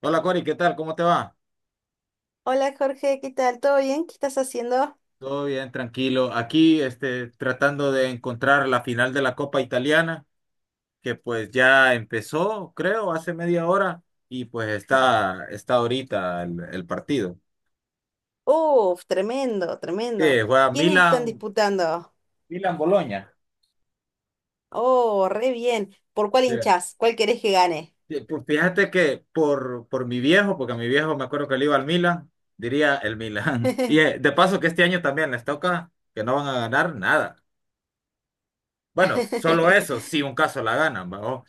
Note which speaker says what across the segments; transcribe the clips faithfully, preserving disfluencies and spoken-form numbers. Speaker 1: Hola Cori, ¿qué tal? ¿Cómo te va?
Speaker 2: Hola Jorge, ¿qué tal? ¿Todo bien? ¿Qué estás haciendo?
Speaker 1: Todo bien, tranquilo. Aquí, este, tratando de encontrar la final de la Copa Italiana, que pues ya empezó, creo, hace media hora, y pues está, está ahorita el, el partido.
Speaker 2: Uf, tremendo, tremendo.
Speaker 1: Eh, juega
Speaker 2: ¿Quiénes están
Speaker 1: Milan,
Speaker 2: disputando?
Speaker 1: Milan-Boloña.
Speaker 2: Oh, re bien. ¿Por cuál
Speaker 1: Sí.
Speaker 2: hinchás? ¿Cuál querés que gane?
Speaker 1: Sí, pues fíjate que por, por mi viejo, porque a mi viejo me acuerdo que le iba al Milan, diría el Milan. Y eh, de paso que este año también les toca que no van a ganar nada. Bueno, solo eso, si un caso la ganan, ¿va?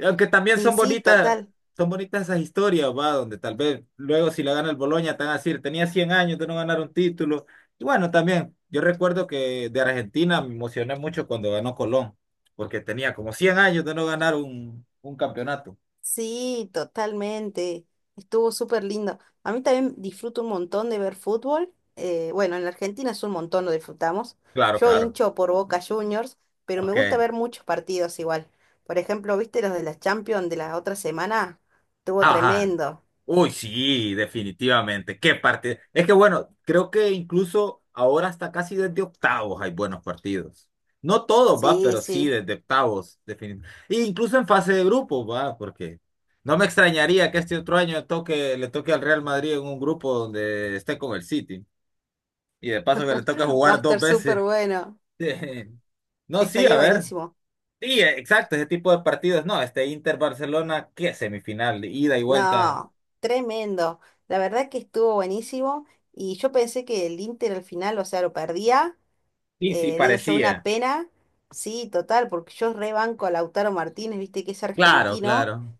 Speaker 1: Aunque también
Speaker 2: Y
Speaker 1: son
Speaker 2: sí,
Speaker 1: bonitas,
Speaker 2: total.
Speaker 1: son bonitas esas historias, va, donde tal vez luego si la gana el Boloña te van a decir, tenía cien años de no ganar un título. Y bueno, también, yo recuerdo que de Argentina me emocioné mucho cuando ganó Colón, porque tenía como cien años de no ganar un, un campeonato.
Speaker 2: Sí, totalmente. Estuvo súper lindo. A mí también disfruto un montón de ver fútbol. Eh, bueno, en la Argentina es un montón, lo disfrutamos.
Speaker 1: Claro,
Speaker 2: Yo
Speaker 1: claro.
Speaker 2: hincho por Boca Juniors, pero me
Speaker 1: Ok.
Speaker 2: gusta ver muchos partidos igual. Por ejemplo, ¿viste los de la Champions de la otra semana? Estuvo
Speaker 1: Ajá.
Speaker 2: tremendo.
Speaker 1: Uy, sí, definitivamente. Qué partido. Es que bueno, creo que incluso ahora hasta casi desde octavos hay buenos partidos. No todos, va,
Speaker 2: Sí,
Speaker 1: pero sí
Speaker 2: sí.
Speaker 1: desde octavos, definitivamente. E incluso en fase de grupos, va, porque no me extrañaría que este otro año toque, le toque al Real Madrid en un grupo donde esté con el City. Y de paso que le toque
Speaker 2: Va a
Speaker 1: jugar dos
Speaker 2: estar súper
Speaker 1: veces.
Speaker 2: bueno.
Speaker 1: No, sí,
Speaker 2: Estaría
Speaker 1: a ver.
Speaker 2: buenísimo.
Speaker 1: Sí, exacto, ese tipo de partidos. No, este Inter-Barcelona, ¿qué semifinal? Ida y vuelta.
Speaker 2: No, tremendo. La verdad que estuvo buenísimo y yo pensé que el Inter al final, o sea, lo perdía.
Speaker 1: Sí, sí,
Speaker 2: Eh, digo yo, una
Speaker 1: parecía.
Speaker 2: pena. Sí, total, porque yo rebanco a Lautaro Martínez, viste que es
Speaker 1: Claro,
Speaker 2: argentino,
Speaker 1: claro.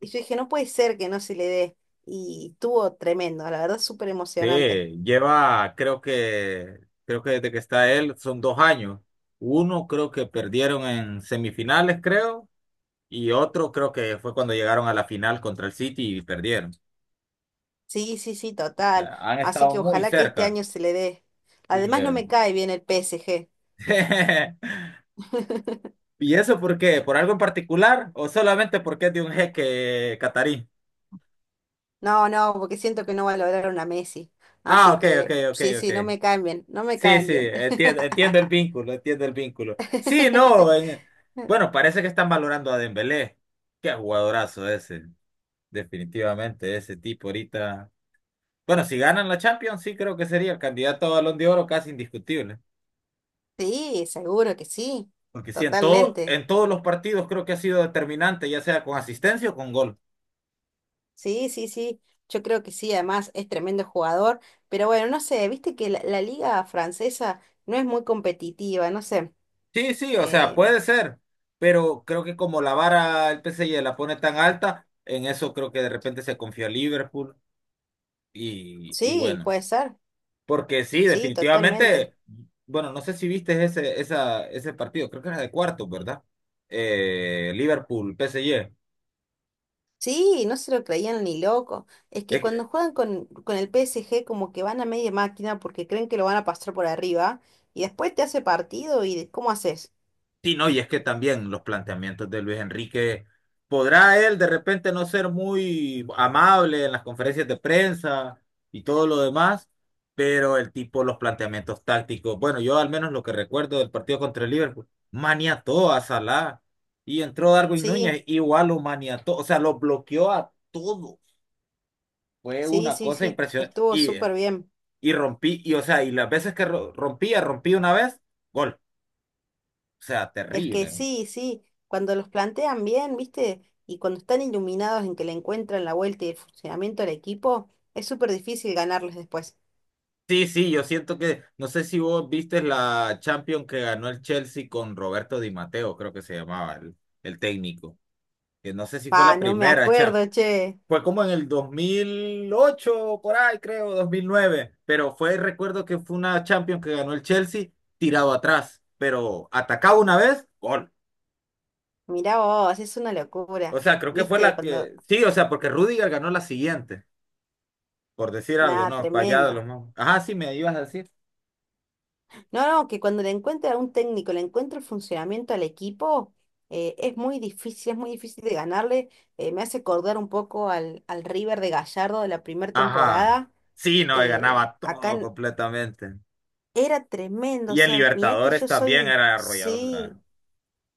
Speaker 2: y yo dije, no puede ser que no se le dé, y estuvo tremendo, la verdad, súper
Speaker 1: Sí,
Speaker 2: emocionante.
Speaker 1: lleva, creo que, creo que desde que está él son dos años. Uno creo que perdieron en semifinales, creo, y otro creo que fue cuando llegaron a la final contra el City y perdieron. O
Speaker 2: Sí, sí, sí, total,
Speaker 1: sea, han
Speaker 2: así
Speaker 1: estado
Speaker 2: que
Speaker 1: muy
Speaker 2: ojalá que este
Speaker 1: cerca.
Speaker 2: año se le dé.
Speaker 1: Sí,
Speaker 2: Además, no
Speaker 1: eh.
Speaker 2: me cae bien el P S G.
Speaker 1: ¿Y eso por qué? ¿Por algo en particular o solamente porque es de un jeque catarí?
Speaker 2: No, no, porque siento que no va a lograr una Messi.
Speaker 1: Ah,
Speaker 2: Así
Speaker 1: ok, ok,
Speaker 2: que
Speaker 1: ok,
Speaker 2: sí,
Speaker 1: ok.
Speaker 2: sí, no me caen bien, no me
Speaker 1: Sí,
Speaker 2: caen
Speaker 1: sí,
Speaker 2: bien.
Speaker 1: entiendo, entiendo el vínculo, entiendo el vínculo. Sí, no, en- bueno, parece que están valorando a Dembélé. Qué jugadorazo ese, definitivamente, ese tipo ahorita. Bueno, si ganan la Champions, sí creo que sería el candidato a Balón de Oro casi indiscutible.
Speaker 2: Sí, seguro que sí,
Speaker 1: Porque sí, en todo,
Speaker 2: totalmente.
Speaker 1: en todos los partidos creo que ha sido determinante, ya sea con asistencia o con gol.
Speaker 2: Sí, sí, sí, yo creo que sí, además es tremendo jugador, pero bueno, no sé, viste que la, la liga francesa no es muy competitiva, no sé.
Speaker 1: Sí, sí, o sea,
Speaker 2: eh,
Speaker 1: puede ser, pero creo que como la vara el P S G la pone tan alta, en eso creo que de repente se confió Liverpool y, y
Speaker 2: sí,
Speaker 1: bueno.
Speaker 2: puede ser,
Speaker 1: Porque sí,
Speaker 2: sí, totalmente.
Speaker 1: definitivamente, bueno, no sé si viste ese, esa, ese partido, creo que era de cuartos, ¿verdad? Eh, Liverpool, P S G.
Speaker 2: Sí, no se lo creían ni loco. Es que
Speaker 1: Es que-
Speaker 2: cuando juegan con, con el P S G como que van a media máquina porque creen que lo van a pasar por arriba y después te hace partido y ¿cómo haces?
Speaker 1: sí, no, y es que también los planteamientos de Luis Enrique, podrá él de repente no ser muy amable en las conferencias de prensa y todo lo demás, pero el tipo, los planteamientos tácticos, bueno, yo al menos lo que recuerdo del partido contra el Liverpool, maniató a Salah y entró Darwin
Speaker 2: Sí,
Speaker 1: Núñez, igual lo maniató, o sea, lo bloqueó a todos. Fue
Speaker 2: sí,
Speaker 1: una
Speaker 2: sí,
Speaker 1: cosa
Speaker 2: sí,
Speaker 1: impresionante.
Speaker 2: estuvo
Speaker 1: Y,
Speaker 2: súper
Speaker 1: eh,
Speaker 2: bien.
Speaker 1: y rompí, y o sea, y las veces que ro- rompía, rompí una vez, gol. O sea,
Speaker 2: Es que
Speaker 1: terrible.
Speaker 2: sí, sí, cuando los plantean bien, ¿viste? Y cuando están iluminados en que le encuentran la vuelta y el funcionamiento del equipo, es súper difícil ganarles después.
Speaker 1: Sí, sí, yo siento que, no sé si vos viste la Champions que ganó el Chelsea con Roberto Di Matteo, creo que se llamaba el, el técnico. Que no sé si fue
Speaker 2: Pa,
Speaker 1: la
Speaker 2: no me
Speaker 1: primera Champions.
Speaker 2: acuerdo, che.
Speaker 1: Fue como en el dos mil ocho por ahí creo, dos mil nueve. Pero fue, recuerdo que fue una Champions que ganó el Chelsea tirado atrás. Pero atacaba una vez, gol.
Speaker 2: Mirá vos, es una
Speaker 1: O
Speaker 2: locura.
Speaker 1: sea, creo que fue
Speaker 2: ¿Viste?
Speaker 1: la
Speaker 2: Cuando...
Speaker 1: que. Sí, o sea, porque Rudiger ganó la siguiente, por decir algo,
Speaker 2: Nada,
Speaker 1: ¿no? Para allá de
Speaker 2: tremendo.
Speaker 1: los más. Ajá, sí, me ibas a decir.
Speaker 2: No, no, que cuando le encuentra a un técnico, le encuentra el funcionamiento al equipo, eh, es muy difícil, es muy difícil de ganarle. Eh, me hace acordar un poco al, al River de Gallardo de la primera
Speaker 1: Ajá.
Speaker 2: temporada.
Speaker 1: Sí, no,
Speaker 2: eh,
Speaker 1: ganaba
Speaker 2: acá
Speaker 1: todo completamente.
Speaker 2: era tremendo, o
Speaker 1: Y en
Speaker 2: sea, mirá que
Speaker 1: Libertadores
Speaker 2: yo
Speaker 1: también
Speaker 2: soy,
Speaker 1: era arrolladora.
Speaker 2: sí,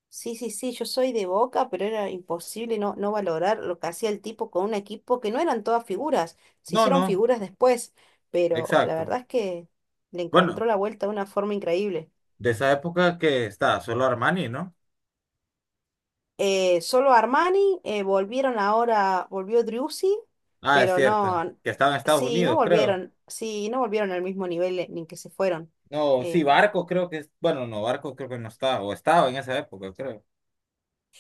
Speaker 2: sí, sí, sí, yo soy de Boca, pero era imposible no, no valorar lo que hacía el tipo con un equipo que no eran todas figuras, se
Speaker 1: No,
Speaker 2: hicieron
Speaker 1: no,
Speaker 2: figuras después, pero la
Speaker 1: exacto.
Speaker 2: verdad es que le
Speaker 1: Bueno,
Speaker 2: encontró la vuelta de una forma increíble.
Speaker 1: de esa época que está solo Armani, ¿no?
Speaker 2: Eh, solo Armani, eh, volvieron ahora, volvió Driussi,
Speaker 1: Ah, es
Speaker 2: pero
Speaker 1: cierto.
Speaker 2: no,
Speaker 1: Que estaba en Estados
Speaker 2: sí, no
Speaker 1: Unidos, creo.
Speaker 2: volvieron, sí, no volvieron al mismo nivel eh, ni que se fueron.
Speaker 1: No, sí,
Speaker 2: Em,
Speaker 1: Barco creo que es. Bueno, no, Barco creo que no estaba. O estaba en esa época, creo.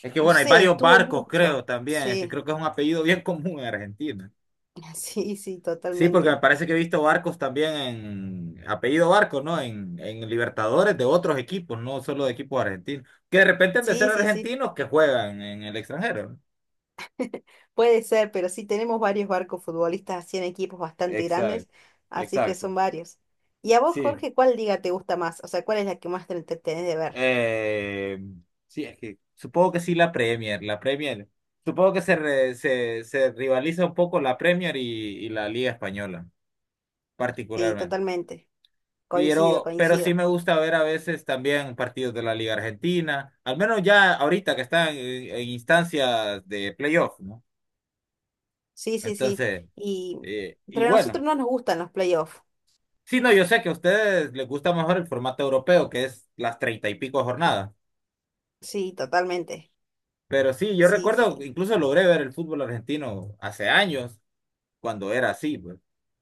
Speaker 1: Es que
Speaker 2: no
Speaker 1: bueno, hay
Speaker 2: sé,
Speaker 1: varios
Speaker 2: estuvo
Speaker 1: barcos, creo,
Speaker 2: mucho,
Speaker 1: también. Es que
Speaker 2: sí.
Speaker 1: creo que es un apellido bien común en Argentina.
Speaker 2: Sí, sí,
Speaker 1: Sí, porque me
Speaker 2: totalmente.
Speaker 1: parece que he visto barcos también en apellido Barcos, ¿no? En, en Libertadores de otros equipos, no solo de equipos argentinos. Que de repente han de ser
Speaker 2: Sí, sí, sí.
Speaker 1: argentinos que juegan en el extranjero, ¿no?
Speaker 2: Puede ser, pero sí tenemos varios barcos futbolistas así en equipos bastante grandes,
Speaker 1: Exacto,
Speaker 2: así que
Speaker 1: exacto.
Speaker 2: son varios. ¿Y a vos,
Speaker 1: Sí,
Speaker 2: Jorge, cuál liga te gusta más? O sea, ¿cuál es la que más te entretenés de ver?
Speaker 1: eh, sí, es que supongo que sí la Premier, la Premier. Supongo que se, re- se, se rivaliza un poco la Premier y, y la Liga Española,
Speaker 2: Sí,
Speaker 1: particularmente.
Speaker 2: totalmente. Coincido,
Speaker 1: Pero, pero sí
Speaker 2: coincido.
Speaker 1: me gusta ver a veces también partidos de la Liga Argentina, al menos ya ahorita que están en, en instancias de playoff, ¿no?
Speaker 2: Sí, sí, sí.
Speaker 1: Entonces,
Speaker 2: Y
Speaker 1: eh, y
Speaker 2: pero a
Speaker 1: bueno,
Speaker 2: nosotros no nos gustan los playoffs.
Speaker 1: sí, no, yo sé que a ustedes les gusta mejor el formato europeo, que es las treinta y pico jornadas,
Speaker 2: Sí, totalmente.
Speaker 1: pero sí, yo
Speaker 2: Sí,
Speaker 1: recuerdo, que
Speaker 2: sí.
Speaker 1: incluso logré ver el fútbol argentino hace años, cuando era así, pues,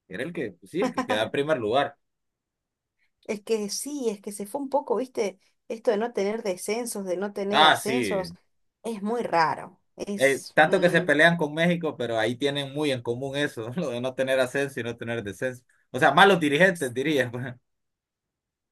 Speaker 1: era el que, pues sí, el que quedaba en primer lugar.
Speaker 2: Es que sí, es que se fue un poco, ¿viste? Esto de no tener descensos, de no tener
Speaker 1: Ah,
Speaker 2: ascensos,
Speaker 1: sí.
Speaker 2: es muy raro.
Speaker 1: Eh,
Speaker 2: Es,
Speaker 1: tanto que se
Speaker 2: mm,
Speaker 1: pelean con México, pero ahí tienen muy en común eso, lo de no tener ascenso y no tener descenso. O sea, malos dirigentes, diría, pues.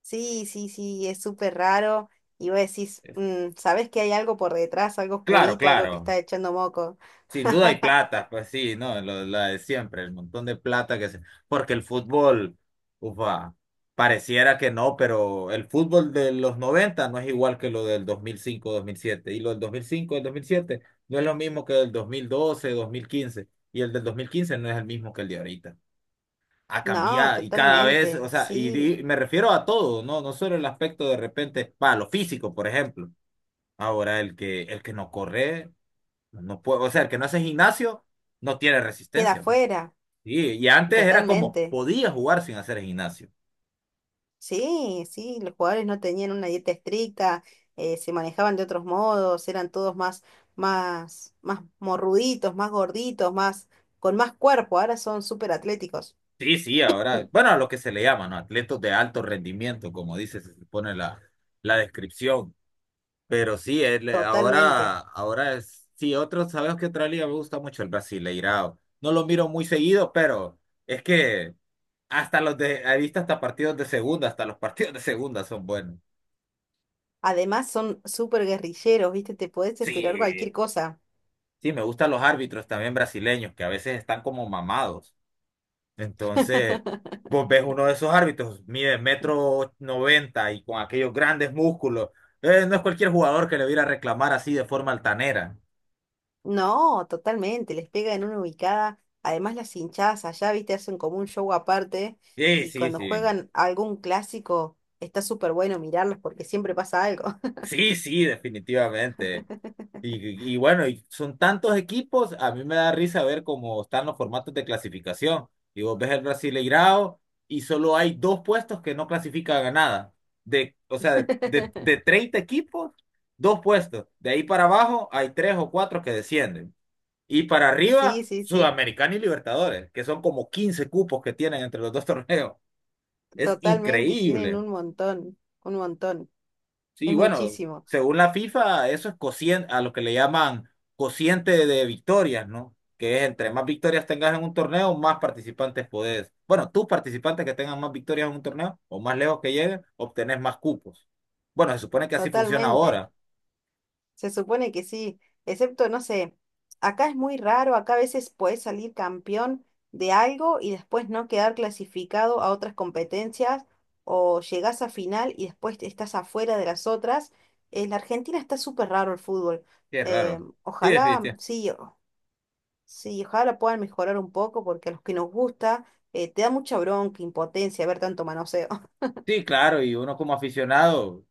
Speaker 2: sí, sí, sí, es súper raro. Y vos decís, mm, sabés que hay algo por detrás, algo
Speaker 1: Claro,
Speaker 2: oscurito, algo que
Speaker 1: claro.
Speaker 2: está echando moco.
Speaker 1: Sin duda hay plata, pues sí, no, lo, la de siempre, el montón de plata que se… Porque el fútbol, ufa, pareciera que no, pero el fútbol de los noventa no es igual que lo del dos dos mil cinco mil siete. Y lo del dos dos mil cinco dos mil siete no es lo mismo que el dos dos mil doce mil quince. Y el del dos mil quince no es el mismo que el de ahorita. Ha
Speaker 2: No,
Speaker 1: cambiado y cada vez,
Speaker 2: totalmente,
Speaker 1: o sea, y,
Speaker 2: sí.
Speaker 1: di- me refiero a todo, ¿no? No solo el aspecto de repente, para lo físico, por ejemplo. Ahora, el que, el que no corre, no puede, o sea, el que no hace gimnasio, no tiene
Speaker 2: Queda
Speaker 1: resistencia, pues.
Speaker 2: fuera,
Speaker 1: Sí, y antes era como,
Speaker 2: totalmente.
Speaker 1: podía jugar sin hacer gimnasio.
Speaker 2: Sí, sí, los jugadores no tenían una dieta estricta, eh, se manejaban de otros modos, eran todos más, más, más morruditos, más gorditos, más, con más cuerpo. Ahora son súper atléticos.
Speaker 1: Sí, sí, ahora, bueno, a lo que se le llama, ¿no? Atletas de alto rendimiento, como dice, se pone la, la descripción. Pero sí, el- eh,
Speaker 2: Totalmente.
Speaker 1: ahora, ahora es, sí, otro, sabes que otra liga me gusta mucho el Brasileirao. No lo miro muy seguido, pero es que hasta los de, he visto hasta partidos de segunda, hasta los partidos de segunda son buenos.
Speaker 2: Además son súper guerrilleros, ¿viste? Te podés esperar
Speaker 1: Sí,
Speaker 2: cualquier cosa.
Speaker 1: sí, me gustan los árbitros también brasileños, que a veces están como mamados. Entonces, vos ves uno de esos árbitros, mide metro noventa y con aquellos grandes músculos. Eh, no es cualquier jugador que le viera a reclamar así de forma altanera.
Speaker 2: No, totalmente, les pega en una ubicada. Además, las hinchadas allá, viste, hacen como un show aparte.
Speaker 1: Sí,
Speaker 2: Y
Speaker 1: sí,
Speaker 2: cuando
Speaker 1: sí.
Speaker 2: juegan algún clásico, está súper bueno mirarlos porque siempre pasa algo.
Speaker 1: Sí, sí, definitivamente. Y, y bueno, y son tantos equipos, a mí me da risa ver cómo están los formatos de clasificación. Y vos ves el Brasileirao y solo hay dos puestos que no clasifican a nada. De, o sea, de, de, de treinta equipos, dos puestos. De ahí para abajo hay tres o cuatro que descienden. Y para
Speaker 2: Sí,
Speaker 1: arriba,
Speaker 2: sí, sí,
Speaker 1: Sudamericana y Libertadores, que son como quince cupos que tienen entre los dos torneos. Es
Speaker 2: totalmente, tienen
Speaker 1: increíble.
Speaker 2: un montón, un montón,
Speaker 1: Sí,
Speaker 2: es
Speaker 1: bueno,
Speaker 2: muchísimo,
Speaker 1: según la FIFA, eso es cociente, a lo que le llaman cociente de victorias, ¿no? Que es entre más victorias tengas en un torneo, más participantes podés. Bueno, tus participantes que tengan más victorias en un torneo, o más lejos que lleguen, obtenés más cupos. Bueno, se supone que así funciona
Speaker 2: totalmente.
Speaker 1: ahora.
Speaker 2: Se supone que sí, excepto, no sé, acá es muy raro, acá a veces puedes salir campeón de algo y después no quedar clasificado a otras competencias o llegás a final y después estás afuera de las otras. En la Argentina está súper raro el fútbol.
Speaker 1: Qué
Speaker 2: Eh,
Speaker 1: raro. Sí,
Speaker 2: ojalá,
Speaker 1: definitivamente.
Speaker 2: sí, o- sí, ojalá puedan mejorar un poco porque a los que nos gusta eh, te da mucha bronca, impotencia ver tanto manoseo.
Speaker 1: Sí, claro, y uno como aficionado.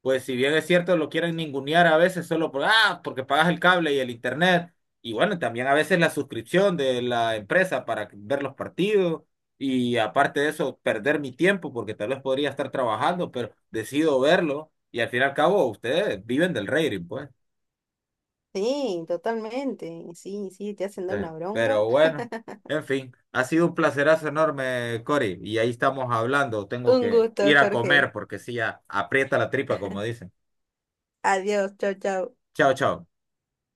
Speaker 1: Pues si bien es cierto, lo quieren ningunear a veces solo por, ah, porque pagas el cable y el internet. Y bueno, también a veces la suscripción de la empresa para ver los partidos. Y aparte de eso, perder mi tiempo porque tal vez podría estar trabajando, pero decido verlo. Y al fin y al cabo, ustedes viven del rating, pues.
Speaker 2: Sí, totalmente, sí, sí, te hacen dar
Speaker 1: Ustedes-
Speaker 2: una
Speaker 1: pero
Speaker 2: bronca.
Speaker 1: bueno, en fin, ha sido un placerazo enorme, Cory. Y ahí estamos hablando. Tengo
Speaker 2: Un
Speaker 1: que
Speaker 2: gusto,
Speaker 1: ir a comer
Speaker 2: Jorge.
Speaker 1: porque sí, ya aprieta la tripa, como dicen.
Speaker 2: Adiós, chao, chao.
Speaker 1: Chao, chao.